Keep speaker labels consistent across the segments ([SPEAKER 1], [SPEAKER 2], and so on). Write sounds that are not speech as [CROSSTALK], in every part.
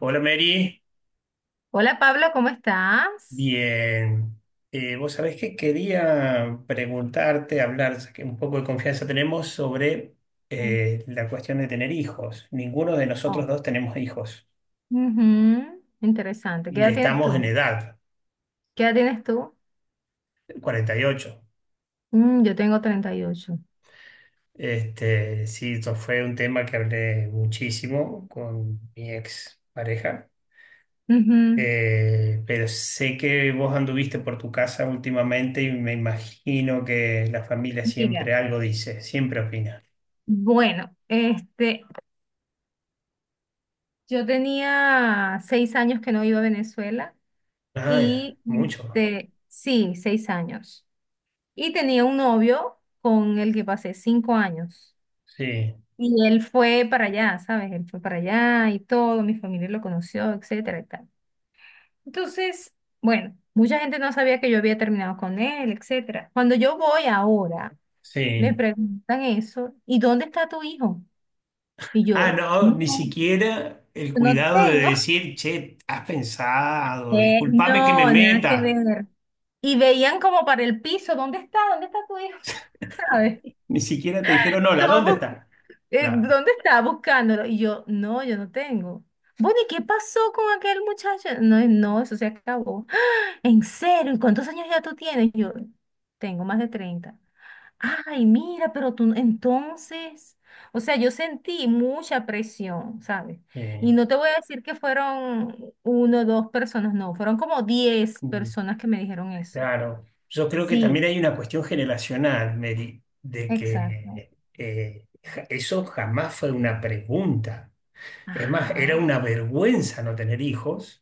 [SPEAKER 1] Hola Mary,
[SPEAKER 2] Hola Pablo, ¿cómo estás?
[SPEAKER 1] bien. Vos sabés que quería preguntarte, hablar, ya que un poco de confianza tenemos sobre
[SPEAKER 2] Sí.
[SPEAKER 1] la cuestión de tener hijos. Ninguno de
[SPEAKER 2] Ah.
[SPEAKER 1] nosotros dos tenemos hijos
[SPEAKER 2] Ujú. Interesante. ¿Qué
[SPEAKER 1] y
[SPEAKER 2] edad tienes
[SPEAKER 1] estamos en
[SPEAKER 2] tú?
[SPEAKER 1] edad,
[SPEAKER 2] ¿Qué edad tienes tú?
[SPEAKER 1] 48.
[SPEAKER 2] Yo tengo 38.
[SPEAKER 1] Este, sí, esto fue un tema que hablé muchísimo con mi ex pareja.
[SPEAKER 2] Ujú.
[SPEAKER 1] Pero sé que vos anduviste por tu casa últimamente y me imagino que la familia
[SPEAKER 2] Mira,
[SPEAKER 1] siempre algo dice, siempre opina.
[SPEAKER 2] bueno, este, yo tenía 6 años que no iba a Venezuela
[SPEAKER 1] Ah, ya,
[SPEAKER 2] y
[SPEAKER 1] mucho.
[SPEAKER 2] este, sí, 6 años. Y tenía un novio con el que pasé 5 años.
[SPEAKER 1] Sí,
[SPEAKER 2] Y él fue para allá, ¿sabes? Él fue para allá y todo, mi familia lo conoció, etcétera y tal. Entonces, bueno, mucha gente no sabía que yo había terminado con él, etcétera. Cuando yo voy ahora, me
[SPEAKER 1] sí.
[SPEAKER 2] preguntan eso, ¿y dónde está tu hijo? Y
[SPEAKER 1] Ah,
[SPEAKER 2] yo,
[SPEAKER 1] no, ni
[SPEAKER 2] no,
[SPEAKER 1] siquiera el
[SPEAKER 2] no
[SPEAKER 1] cuidado de
[SPEAKER 2] tengo.
[SPEAKER 1] decir, che, has pensado,
[SPEAKER 2] Eh,
[SPEAKER 1] discúlpame que me
[SPEAKER 2] no, nada que
[SPEAKER 1] meta.
[SPEAKER 2] ver. Y veían como para el piso, ¿dónde está? ¿Dónde está tu hijo? ¿Sabes?
[SPEAKER 1] [LAUGHS] Ni siquiera te dijeron,
[SPEAKER 2] [LAUGHS]
[SPEAKER 1] hola,
[SPEAKER 2] Como
[SPEAKER 1] ¿dónde
[SPEAKER 2] bu-
[SPEAKER 1] está? Claro.
[SPEAKER 2] ¿Dónde está? Buscándolo. Y yo, no, yo no tengo. Bueno, ¿y qué pasó con aquel muchacho? No, no, eso se acabó. "¡Ah! ¿En serio? ¿Y cuántos años ya tú tienes?" Y yo, tengo más de 30. Ay, mira, pero tú entonces, o sea, yo sentí mucha presión, ¿sabes? Y
[SPEAKER 1] eh,
[SPEAKER 2] no te voy a decir que fueron uno o dos personas, no, fueron como diez
[SPEAKER 1] mm,
[SPEAKER 2] personas que me dijeron eso.
[SPEAKER 1] claro. Yo creo que
[SPEAKER 2] Sí,
[SPEAKER 1] también hay una cuestión generacional, Mary, de
[SPEAKER 2] exacto.
[SPEAKER 1] que eso jamás fue una pregunta. Es más, era
[SPEAKER 2] Ajá,
[SPEAKER 1] una vergüenza no tener hijos.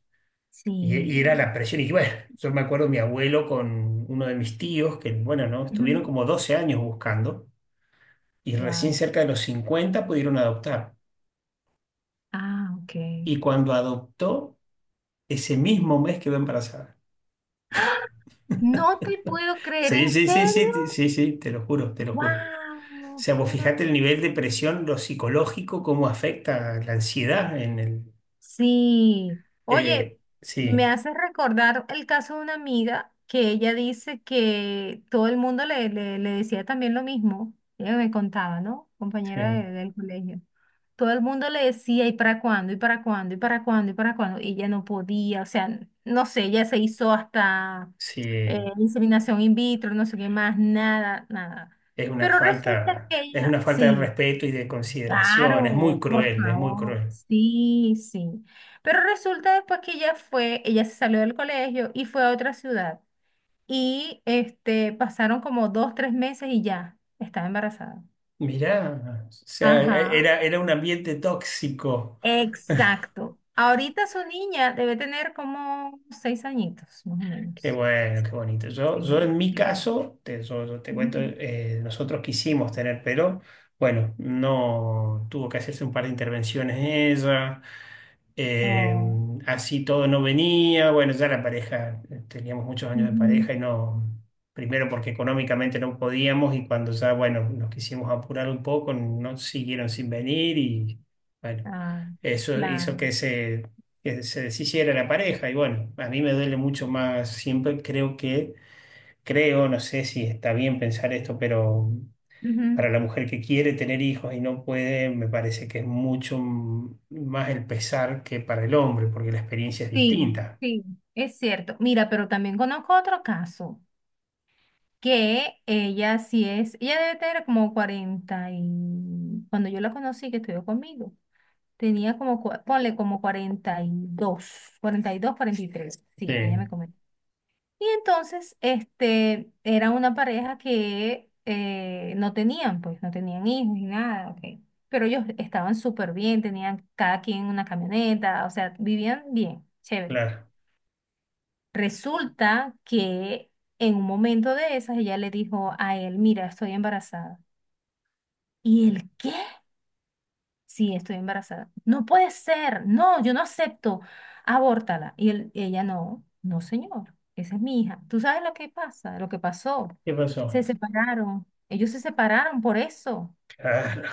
[SPEAKER 1] Y era
[SPEAKER 2] sí.
[SPEAKER 1] la presión. Y bueno, yo me acuerdo mi abuelo con uno de mis tíos, que bueno, ¿no? Estuvieron como 12 años buscando y recién
[SPEAKER 2] Wow.
[SPEAKER 1] cerca de los 50 pudieron adoptar.
[SPEAKER 2] Ah, ok.
[SPEAKER 1] Y cuando adoptó, ese mismo mes quedó embarazada.
[SPEAKER 2] ¡Ah! No te puedo creer,
[SPEAKER 1] Sí,
[SPEAKER 2] ¿en
[SPEAKER 1] sí, sí,
[SPEAKER 2] serio?
[SPEAKER 1] sí, sí, sí, sí, te lo juro, te lo juro. O
[SPEAKER 2] Wow,
[SPEAKER 1] sea,
[SPEAKER 2] qué
[SPEAKER 1] vos fijate
[SPEAKER 2] maravilla.
[SPEAKER 1] el nivel de presión, lo psicológico, cómo afecta la ansiedad en el...
[SPEAKER 2] Sí, oye,
[SPEAKER 1] eh,
[SPEAKER 2] me
[SPEAKER 1] sí,
[SPEAKER 2] hace recordar el caso de una amiga que ella dice que todo el mundo le decía también lo mismo. Ella me contaba, ¿no? Compañera
[SPEAKER 1] sí,
[SPEAKER 2] del colegio. Todo el mundo le decía, ¿y para cuándo? ¿Y para cuándo? ¿Y para cuándo? ¿Y para cuándo? Y ella no podía, o sea, no sé, ella se hizo hasta
[SPEAKER 1] sí,
[SPEAKER 2] inseminación in vitro, no sé qué más, nada, nada. Pero resulta que
[SPEAKER 1] es
[SPEAKER 2] ella,
[SPEAKER 1] una falta de
[SPEAKER 2] sí.
[SPEAKER 1] respeto y de consideración, es muy
[SPEAKER 2] Claro, por
[SPEAKER 1] cruel, es muy
[SPEAKER 2] favor,
[SPEAKER 1] cruel.
[SPEAKER 2] sí, sí. Pero resulta después que ella se salió del colegio y fue a otra ciudad. Y este, pasaron como dos, tres meses y ya estaba embarazada.
[SPEAKER 1] Mirá, o sea,
[SPEAKER 2] Ajá,
[SPEAKER 1] era un ambiente tóxico.
[SPEAKER 2] exacto. Ahorita su niña debe tener como 6 añitos, más o
[SPEAKER 1] Qué
[SPEAKER 2] menos.
[SPEAKER 1] bueno, qué bonito. Yo
[SPEAKER 2] Sí,
[SPEAKER 1] en mi
[SPEAKER 2] sí.
[SPEAKER 1] caso, yo te cuento,
[SPEAKER 2] Ujú.
[SPEAKER 1] nosotros quisimos tener, pero bueno, no tuvo que hacerse un par de intervenciones ella, eh,
[SPEAKER 2] Oh,
[SPEAKER 1] así todo no venía, bueno, ya la pareja, teníamos muchos años de
[SPEAKER 2] ujú.
[SPEAKER 1] pareja y no, primero porque económicamente no podíamos y cuando ya, bueno, nos quisimos apurar un poco, no siguieron sin venir y bueno,
[SPEAKER 2] Ay,
[SPEAKER 1] eso hizo
[SPEAKER 2] claro.
[SPEAKER 1] que se deshiciera la pareja. Y bueno, a mí me duele mucho más, siempre creo, no sé si está bien pensar esto, pero
[SPEAKER 2] Ujú.
[SPEAKER 1] para la mujer que quiere tener hijos y no puede, me parece que es mucho más el pesar que para el hombre, porque la experiencia es
[SPEAKER 2] Sí,
[SPEAKER 1] distinta.
[SPEAKER 2] sí, es cierto. Mira, pero también conozco otro caso. Que ella sí es, ella debe tener como 40 y cuando yo la conocí que estudió conmigo, tenía como, ponle como cuarenta y dos, 43,
[SPEAKER 1] Sí,
[SPEAKER 2] sí, ella me comentó. Y entonces, este, era una pareja que no tenían, pues, no tenían hijos ni nada, ok. Pero ellos estaban súper bien, tenían cada quien una camioneta, o sea, vivían bien, chévere.
[SPEAKER 1] claro.
[SPEAKER 2] Resulta que en un momento de esas ella le dijo a él, mira, estoy embarazada. ¿Y él qué? Sí, estoy embarazada. No puede ser, no, yo no acepto, abórtala. Y él, ella no, no señor, esa es mi hija. ¿Tú sabes lo que pasa, lo que pasó?
[SPEAKER 1] ¿Qué
[SPEAKER 2] Se
[SPEAKER 1] pasó?
[SPEAKER 2] separaron, ellos se separaron por eso.
[SPEAKER 1] Claro,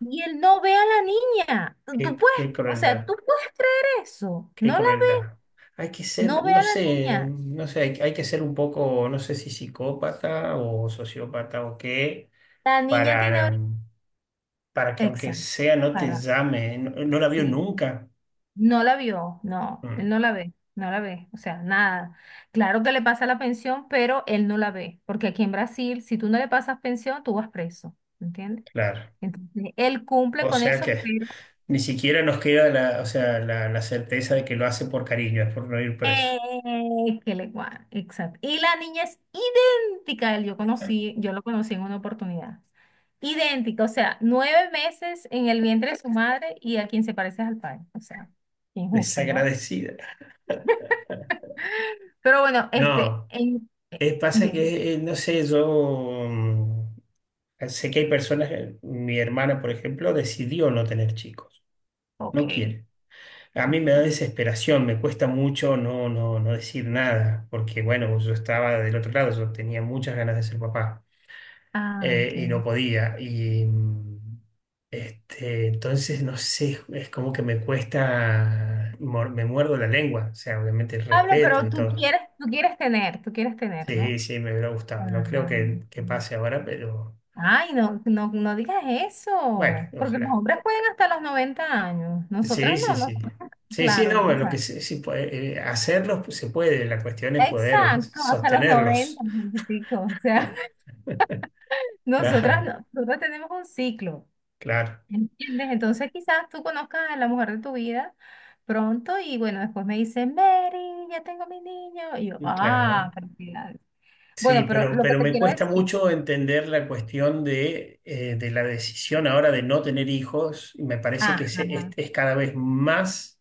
[SPEAKER 2] Y él no ve a la niña. Tú
[SPEAKER 1] qué,
[SPEAKER 2] tú puedes,
[SPEAKER 1] qué
[SPEAKER 2] o sea,
[SPEAKER 1] crueldad,
[SPEAKER 2] tú puedes creer eso.
[SPEAKER 1] qué
[SPEAKER 2] No la,
[SPEAKER 1] crueldad. Hay que ser,
[SPEAKER 2] no ve
[SPEAKER 1] no
[SPEAKER 2] a la
[SPEAKER 1] sé,
[SPEAKER 2] niña.
[SPEAKER 1] no sé, hay que ser un poco, no sé si psicópata o sociópata o qué,
[SPEAKER 2] La niña tiene
[SPEAKER 1] para,
[SPEAKER 2] ahorita.
[SPEAKER 1] para que aunque
[SPEAKER 2] Exacto.
[SPEAKER 1] sea no te
[SPEAKER 2] Para.
[SPEAKER 1] llame, no, no la vio
[SPEAKER 2] Sí.
[SPEAKER 1] nunca.
[SPEAKER 2] No la vio, no, él
[SPEAKER 1] Mm,
[SPEAKER 2] no la ve, no la ve, o sea, nada. Claro que le pasa la pensión, pero él no la ve, porque aquí en Brasil, si tú no le pasas pensión, tú vas preso, ¿entiendes?
[SPEAKER 1] claro.
[SPEAKER 2] Entonces, él cumple
[SPEAKER 1] O
[SPEAKER 2] con
[SPEAKER 1] sea
[SPEAKER 2] eso,
[SPEAKER 1] que
[SPEAKER 2] pero.
[SPEAKER 1] ni siquiera nos queda la, o sea, la certeza de que lo hace por cariño, es por no ir preso.
[SPEAKER 2] Exacto. Y la niña es idéntica a él, yo lo conocí en una oportunidad. Idéntica, o sea, 9 meses en el vientre de su madre y a quien se parece es al padre, o sea, injusto, ¿no?
[SPEAKER 1] Desagradecida.
[SPEAKER 2] Pero bueno, este,
[SPEAKER 1] No, pasa
[SPEAKER 2] dime,
[SPEAKER 1] que, no sé, sé que hay personas, mi hermana, por ejemplo, decidió no tener chicos, no
[SPEAKER 2] ok.
[SPEAKER 1] quiere. A mí me da
[SPEAKER 2] Okay.
[SPEAKER 1] desesperación, me cuesta mucho no decir nada, porque bueno, yo estaba del otro lado, yo tenía muchas ganas de ser papá.
[SPEAKER 2] Ah,
[SPEAKER 1] Y no
[SPEAKER 2] ok.
[SPEAKER 1] podía. Y entonces, no sé, es como que me cuesta, me muerdo la lengua, o sea, obviamente el
[SPEAKER 2] Pablo,
[SPEAKER 1] respeto
[SPEAKER 2] pero
[SPEAKER 1] y
[SPEAKER 2] tú
[SPEAKER 1] todo.
[SPEAKER 2] quieres, tú quieres tener, tú quieres tener,
[SPEAKER 1] Sí,
[SPEAKER 2] ¿no?
[SPEAKER 1] sí, me hubiera gustado. No creo
[SPEAKER 2] Ah.
[SPEAKER 1] que pase ahora, pero
[SPEAKER 2] Ay, no, no, no digas
[SPEAKER 1] bueno,
[SPEAKER 2] eso, porque los
[SPEAKER 1] ojalá.
[SPEAKER 2] hombres pueden hasta los 90 años,
[SPEAKER 1] Sí,
[SPEAKER 2] nosotras no,
[SPEAKER 1] sí, sí.
[SPEAKER 2] nosotras,
[SPEAKER 1] Sí, sí,
[SPEAKER 2] claro,
[SPEAKER 1] no,
[SPEAKER 2] no, o
[SPEAKER 1] bueno, lo que
[SPEAKER 2] sea,
[SPEAKER 1] sí, sí puede, hacerlos pues, se puede, la cuestión es poder
[SPEAKER 2] exacto, hasta los 90,
[SPEAKER 1] sostenerlos.
[SPEAKER 2] noventa y pico, o sea, [LAUGHS]
[SPEAKER 1] [LAUGHS]
[SPEAKER 2] nosotras
[SPEAKER 1] Claro,
[SPEAKER 2] no, nosotras tenemos un ciclo.
[SPEAKER 1] claro,
[SPEAKER 2] ¿Entiendes? Entonces quizás tú conozcas a la mujer de tu vida pronto y bueno, después me dice, Mary, ya tengo mi niño. Y yo, ah,
[SPEAKER 1] claro.
[SPEAKER 2] felicidades.
[SPEAKER 1] Sí,
[SPEAKER 2] Bueno, pero lo que
[SPEAKER 1] pero
[SPEAKER 2] te
[SPEAKER 1] me
[SPEAKER 2] quiero
[SPEAKER 1] cuesta
[SPEAKER 2] decir,
[SPEAKER 1] mucho entender la cuestión de la decisión ahora de no tener hijos. Y Me parece que
[SPEAKER 2] ajá,
[SPEAKER 1] es cada vez más,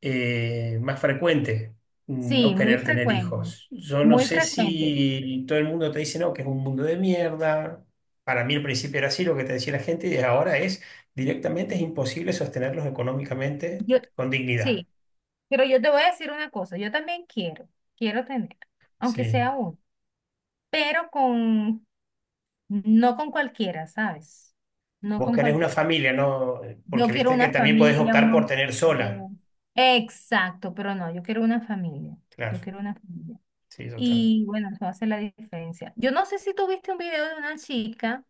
[SPEAKER 1] más frecuente no
[SPEAKER 2] sí, muy
[SPEAKER 1] querer tener
[SPEAKER 2] frecuente,
[SPEAKER 1] hijos. Yo no
[SPEAKER 2] muy
[SPEAKER 1] sé
[SPEAKER 2] frecuente.
[SPEAKER 1] si todo el mundo te dice no, que es un mundo de mierda. Para mí al principio era así lo que te decía la gente y ahora es directamente es imposible sostenerlos económicamente
[SPEAKER 2] Yo,
[SPEAKER 1] con dignidad.
[SPEAKER 2] sí, pero yo te voy a decir una cosa, yo también quiero tener, aunque
[SPEAKER 1] Sí.
[SPEAKER 2] sea uno, pero con, no con cualquiera, ¿sabes? No
[SPEAKER 1] Vos
[SPEAKER 2] con
[SPEAKER 1] querés una
[SPEAKER 2] cualquiera.
[SPEAKER 1] familia, ¿no?
[SPEAKER 2] Yo
[SPEAKER 1] Porque
[SPEAKER 2] quiero
[SPEAKER 1] viste que
[SPEAKER 2] una
[SPEAKER 1] también podés
[SPEAKER 2] familia, un...
[SPEAKER 1] optar por tener sola.
[SPEAKER 2] hom- eh, Exacto, pero no, yo quiero una familia. Yo
[SPEAKER 1] Claro.
[SPEAKER 2] quiero una familia.
[SPEAKER 1] Sí, yo también.
[SPEAKER 2] Y bueno, eso hace la diferencia. Yo no sé si tuviste un video de una chica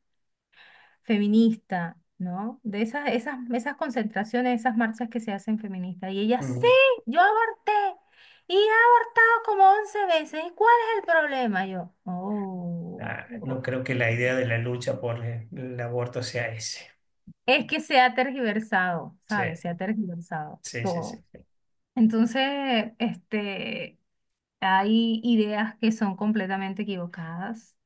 [SPEAKER 2] feminista, ¿no? De esas concentraciones, esas marchas que se hacen feministas. Y ella, sí,
[SPEAKER 1] Mm.
[SPEAKER 2] yo aborté. Y he abortado como 11 veces. ¿Y cuál es el problema? Yo, oh,
[SPEAKER 1] Ah, no
[SPEAKER 2] ok".
[SPEAKER 1] creo que la idea de la lucha por el aborto sea ese.
[SPEAKER 2] Es que se ha tergiversado,
[SPEAKER 1] Sí,
[SPEAKER 2] ¿sabes? Se ha tergiversado
[SPEAKER 1] sí, sí, sí.
[SPEAKER 2] todo. Entonces, este, hay ideas que son completamente equivocadas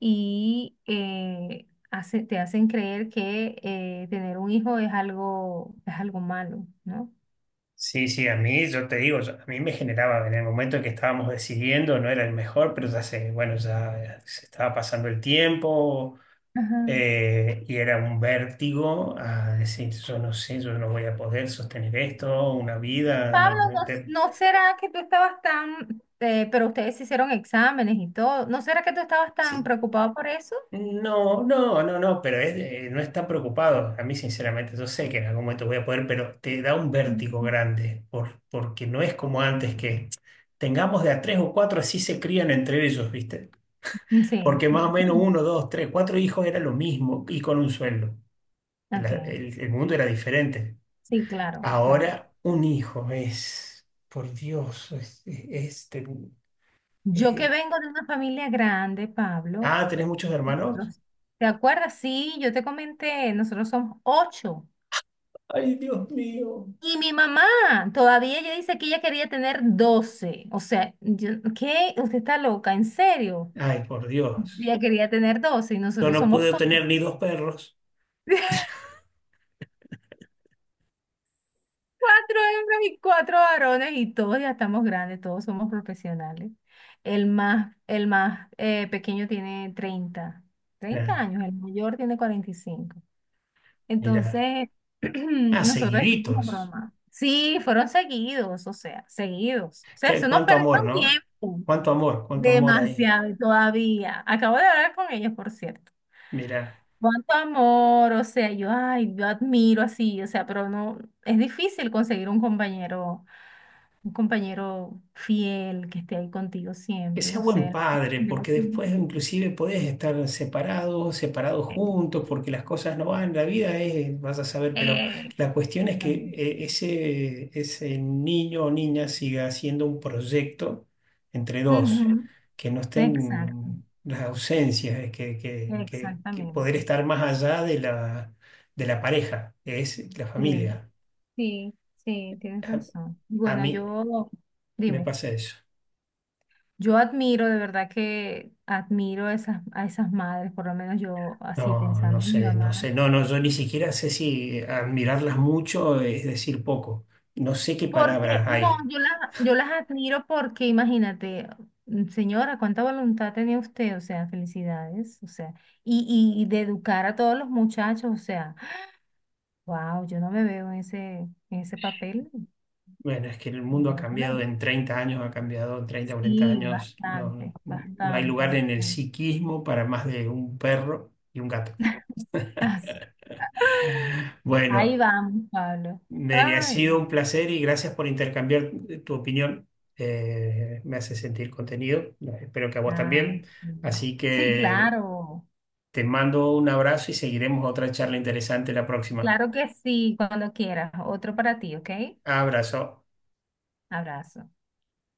[SPEAKER 2] y te hacen creer que tener un hijo es algo malo, ¿no?
[SPEAKER 1] Sí, sí, sí, a mí, yo te digo, a mí me generaba en el momento en que estábamos decidiendo, no era el mejor, pero ya sé, bueno, ya se estaba pasando el tiempo
[SPEAKER 2] Ajá.
[SPEAKER 1] y era un vértigo a decir, yo no sé, yo no voy a poder sostener esto, una vida,
[SPEAKER 2] Pablo,
[SPEAKER 1] no,
[SPEAKER 2] ¿no, no será que tú estabas tan, pero ustedes hicieron exámenes y todo, ¿no será que tú estabas tan
[SPEAKER 1] sí,
[SPEAKER 2] preocupado por eso?
[SPEAKER 1] no, no, no, no, pero es no están preocupados. A mí, sinceramente, yo sé que en algún momento voy a poder, pero te da un vértigo grande por, porque no es como antes que tengamos de a tres o cuatro, así se crían entre ellos, ¿viste?
[SPEAKER 2] Ujú. Sí.
[SPEAKER 1] Porque más o menos
[SPEAKER 2] [LAUGHS]
[SPEAKER 1] uno, dos, tres, cuatro hijos era lo mismo y con un sueldo.
[SPEAKER 2] Ok,
[SPEAKER 1] El mundo era diferente.
[SPEAKER 2] sí, claro, claro.
[SPEAKER 1] Ahora, un hijo es, por Dios, es- es-
[SPEAKER 2] Yo que
[SPEAKER 1] eh,
[SPEAKER 2] vengo de una familia grande, Pablo,
[SPEAKER 1] ah, ¿tenés muchos hermanos?
[SPEAKER 2] nosotros- ¿te acuerdas? Sí, yo te comenté, nosotros somos ocho.
[SPEAKER 1] Ay, Dios mío.
[SPEAKER 2] Y mi mamá todavía ella dice que ella quería tener 12. O sea, ¿qué? Usted está loca, ¿en serio?
[SPEAKER 1] Ay, por Dios.
[SPEAKER 2] Ella quería tener doce y
[SPEAKER 1] Yo
[SPEAKER 2] nosotros
[SPEAKER 1] no
[SPEAKER 2] somos
[SPEAKER 1] pude
[SPEAKER 2] cuatro.
[SPEAKER 1] tener ni dos perros.
[SPEAKER 2] [LAUGHS] Cuatro hembras y cuatro varones y todos ya estamos grandes, todos somos profesionales. El más pequeño tiene treinta
[SPEAKER 1] Claro,
[SPEAKER 2] años, el mayor tiene 45.
[SPEAKER 1] mira.
[SPEAKER 2] Entonces, [CLEARS THROAT]
[SPEAKER 1] Ah,
[SPEAKER 2] nosotros estamos como
[SPEAKER 1] seguiditos.
[SPEAKER 2] broma. Sí, fueron seguidos. O sea,
[SPEAKER 1] Qué,
[SPEAKER 2] se nos
[SPEAKER 1] cuánto
[SPEAKER 2] perdió
[SPEAKER 1] amor,
[SPEAKER 2] un
[SPEAKER 1] ¿no?
[SPEAKER 2] tiempo.
[SPEAKER 1] Cuánto amor ahí.
[SPEAKER 2] Demasiado y todavía. Acabo de hablar con ellos, por cierto.
[SPEAKER 1] Mira.
[SPEAKER 2] Cuánto amor, o sea, yo admiro así, o sea, pero no, es difícil conseguir un compañero fiel que esté ahí contigo
[SPEAKER 1] Que
[SPEAKER 2] siempre,
[SPEAKER 1] sea
[SPEAKER 2] no
[SPEAKER 1] buen
[SPEAKER 2] sé.
[SPEAKER 1] padre, porque después
[SPEAKER 2] [LAUGHS]
[SPEAKER 1] inclusive podés estar separados, separados
[SPEAKER 2] Eh,
[SPEAKER 1] juntos, porque las cosas no van, la vida es, vas a saber, pero
[SPEAKER 2] eh,
[SPEAKER 1] la cuestión es que ese, ese niño o niña siga haciendo un proyecto entre dos,
[SPEAKER 2] ujú,
[SPEAKER 1] que no
[SPEAKER 2] Exacto,
[SPEAKER 1] estén las ausencias, que poder
[SPEAKER 2] exactamente.
[SPEAKER 1] estar más allá de la pareja, que es la
[SPEAKER 2] Sí.
[SPEAKER 1] familia.
[SPEAKER 2] Sí, sí, tienes
[SPEAKER 1] A,
[SPEAKER 2] razón.
[SPEAKER 1] a
[SPEAKER 2] Bueno,
[SPEAKER 1] mí me
[SPEAKER 2] dime,
[SPEAKER 1] pasa eso.
[SPEAKER 2] yo admiro, de verdad que admiro a esas madres, por lo menos yo así
[SPEAKER 1] No, no
[SPEAKER 2] pensando, en mi
[SPEAKER 1] sé, no
[SPEAKER 2] mamá.
[SPEAKER 1] sé. No, no, yo ni siquiera sé si admirarlas mucho es decir poco. No sé qué
[SPEAKER 2] Porque,
[SPEAKER 1] palabras
[SPEAKER 2] no,
[SPEAKER 1] hay.
[SPEAKER 2] yo las admiro porque, imagínate, señora, cuánta voluntad tenía usted, o sea, felicidades, o sea, y de educar a todos los muchachos, o sea, wow, yo no me veo en ese, papel,
[SPEAKER 1] Bueno, es que el mundo ha
[SPEAKER 2] ¿verdad que
[SPEAKER 1] cambiado
[SPEAKER 2] no?
[SPEAKER 1] en 30 años, ha cambiado en 30, cuarenta
[SPEAKER 2] Sí,
[SPEAKER 1] años. No,
[SPEAKER 2] bastante,
[SPEAKER 1] no hay
[SPEAKER 2] bastante,
[SPEAKER 1] lugar en el
[SPEAKER 2] bastante.
[SPEAKER 1] psiquismo para más de un perro y un gato.
[SPEAKER 2] [LAUGHS] Así. Ahí
[SPEAKER 1] Bueno,
[SPEAKER 2] vamos, Pablo.
[SPEAKER 1] Mary, ha
[SPEAKER 2] Ay,
[SPEAKER 1] sido un
[SPEAKER 2] bueno.
[SPEAKER 1] placer y gracias por intercambiar tu opinión. Me hace sentir contenido. Espero que a vos
[SPEAKER 2] Ah,
[SPEAKER 1] también.
[SPEAKER 2] sí.
[SPEAKER 1] Así
[SPEAKER 2] Sí,
[SPEAKER 1] que
[SPEAKER 2] claro.
[SPEAKER 1] te mando un abrazo y seguiremos otra charla interesante la próxima.
[SPEAKER 2] Claro que sí, cuando quieras. Otro para ti, ¿ok?
[SPEAKER 1] Abrazo.
[SPEAKER 2] Abrazo.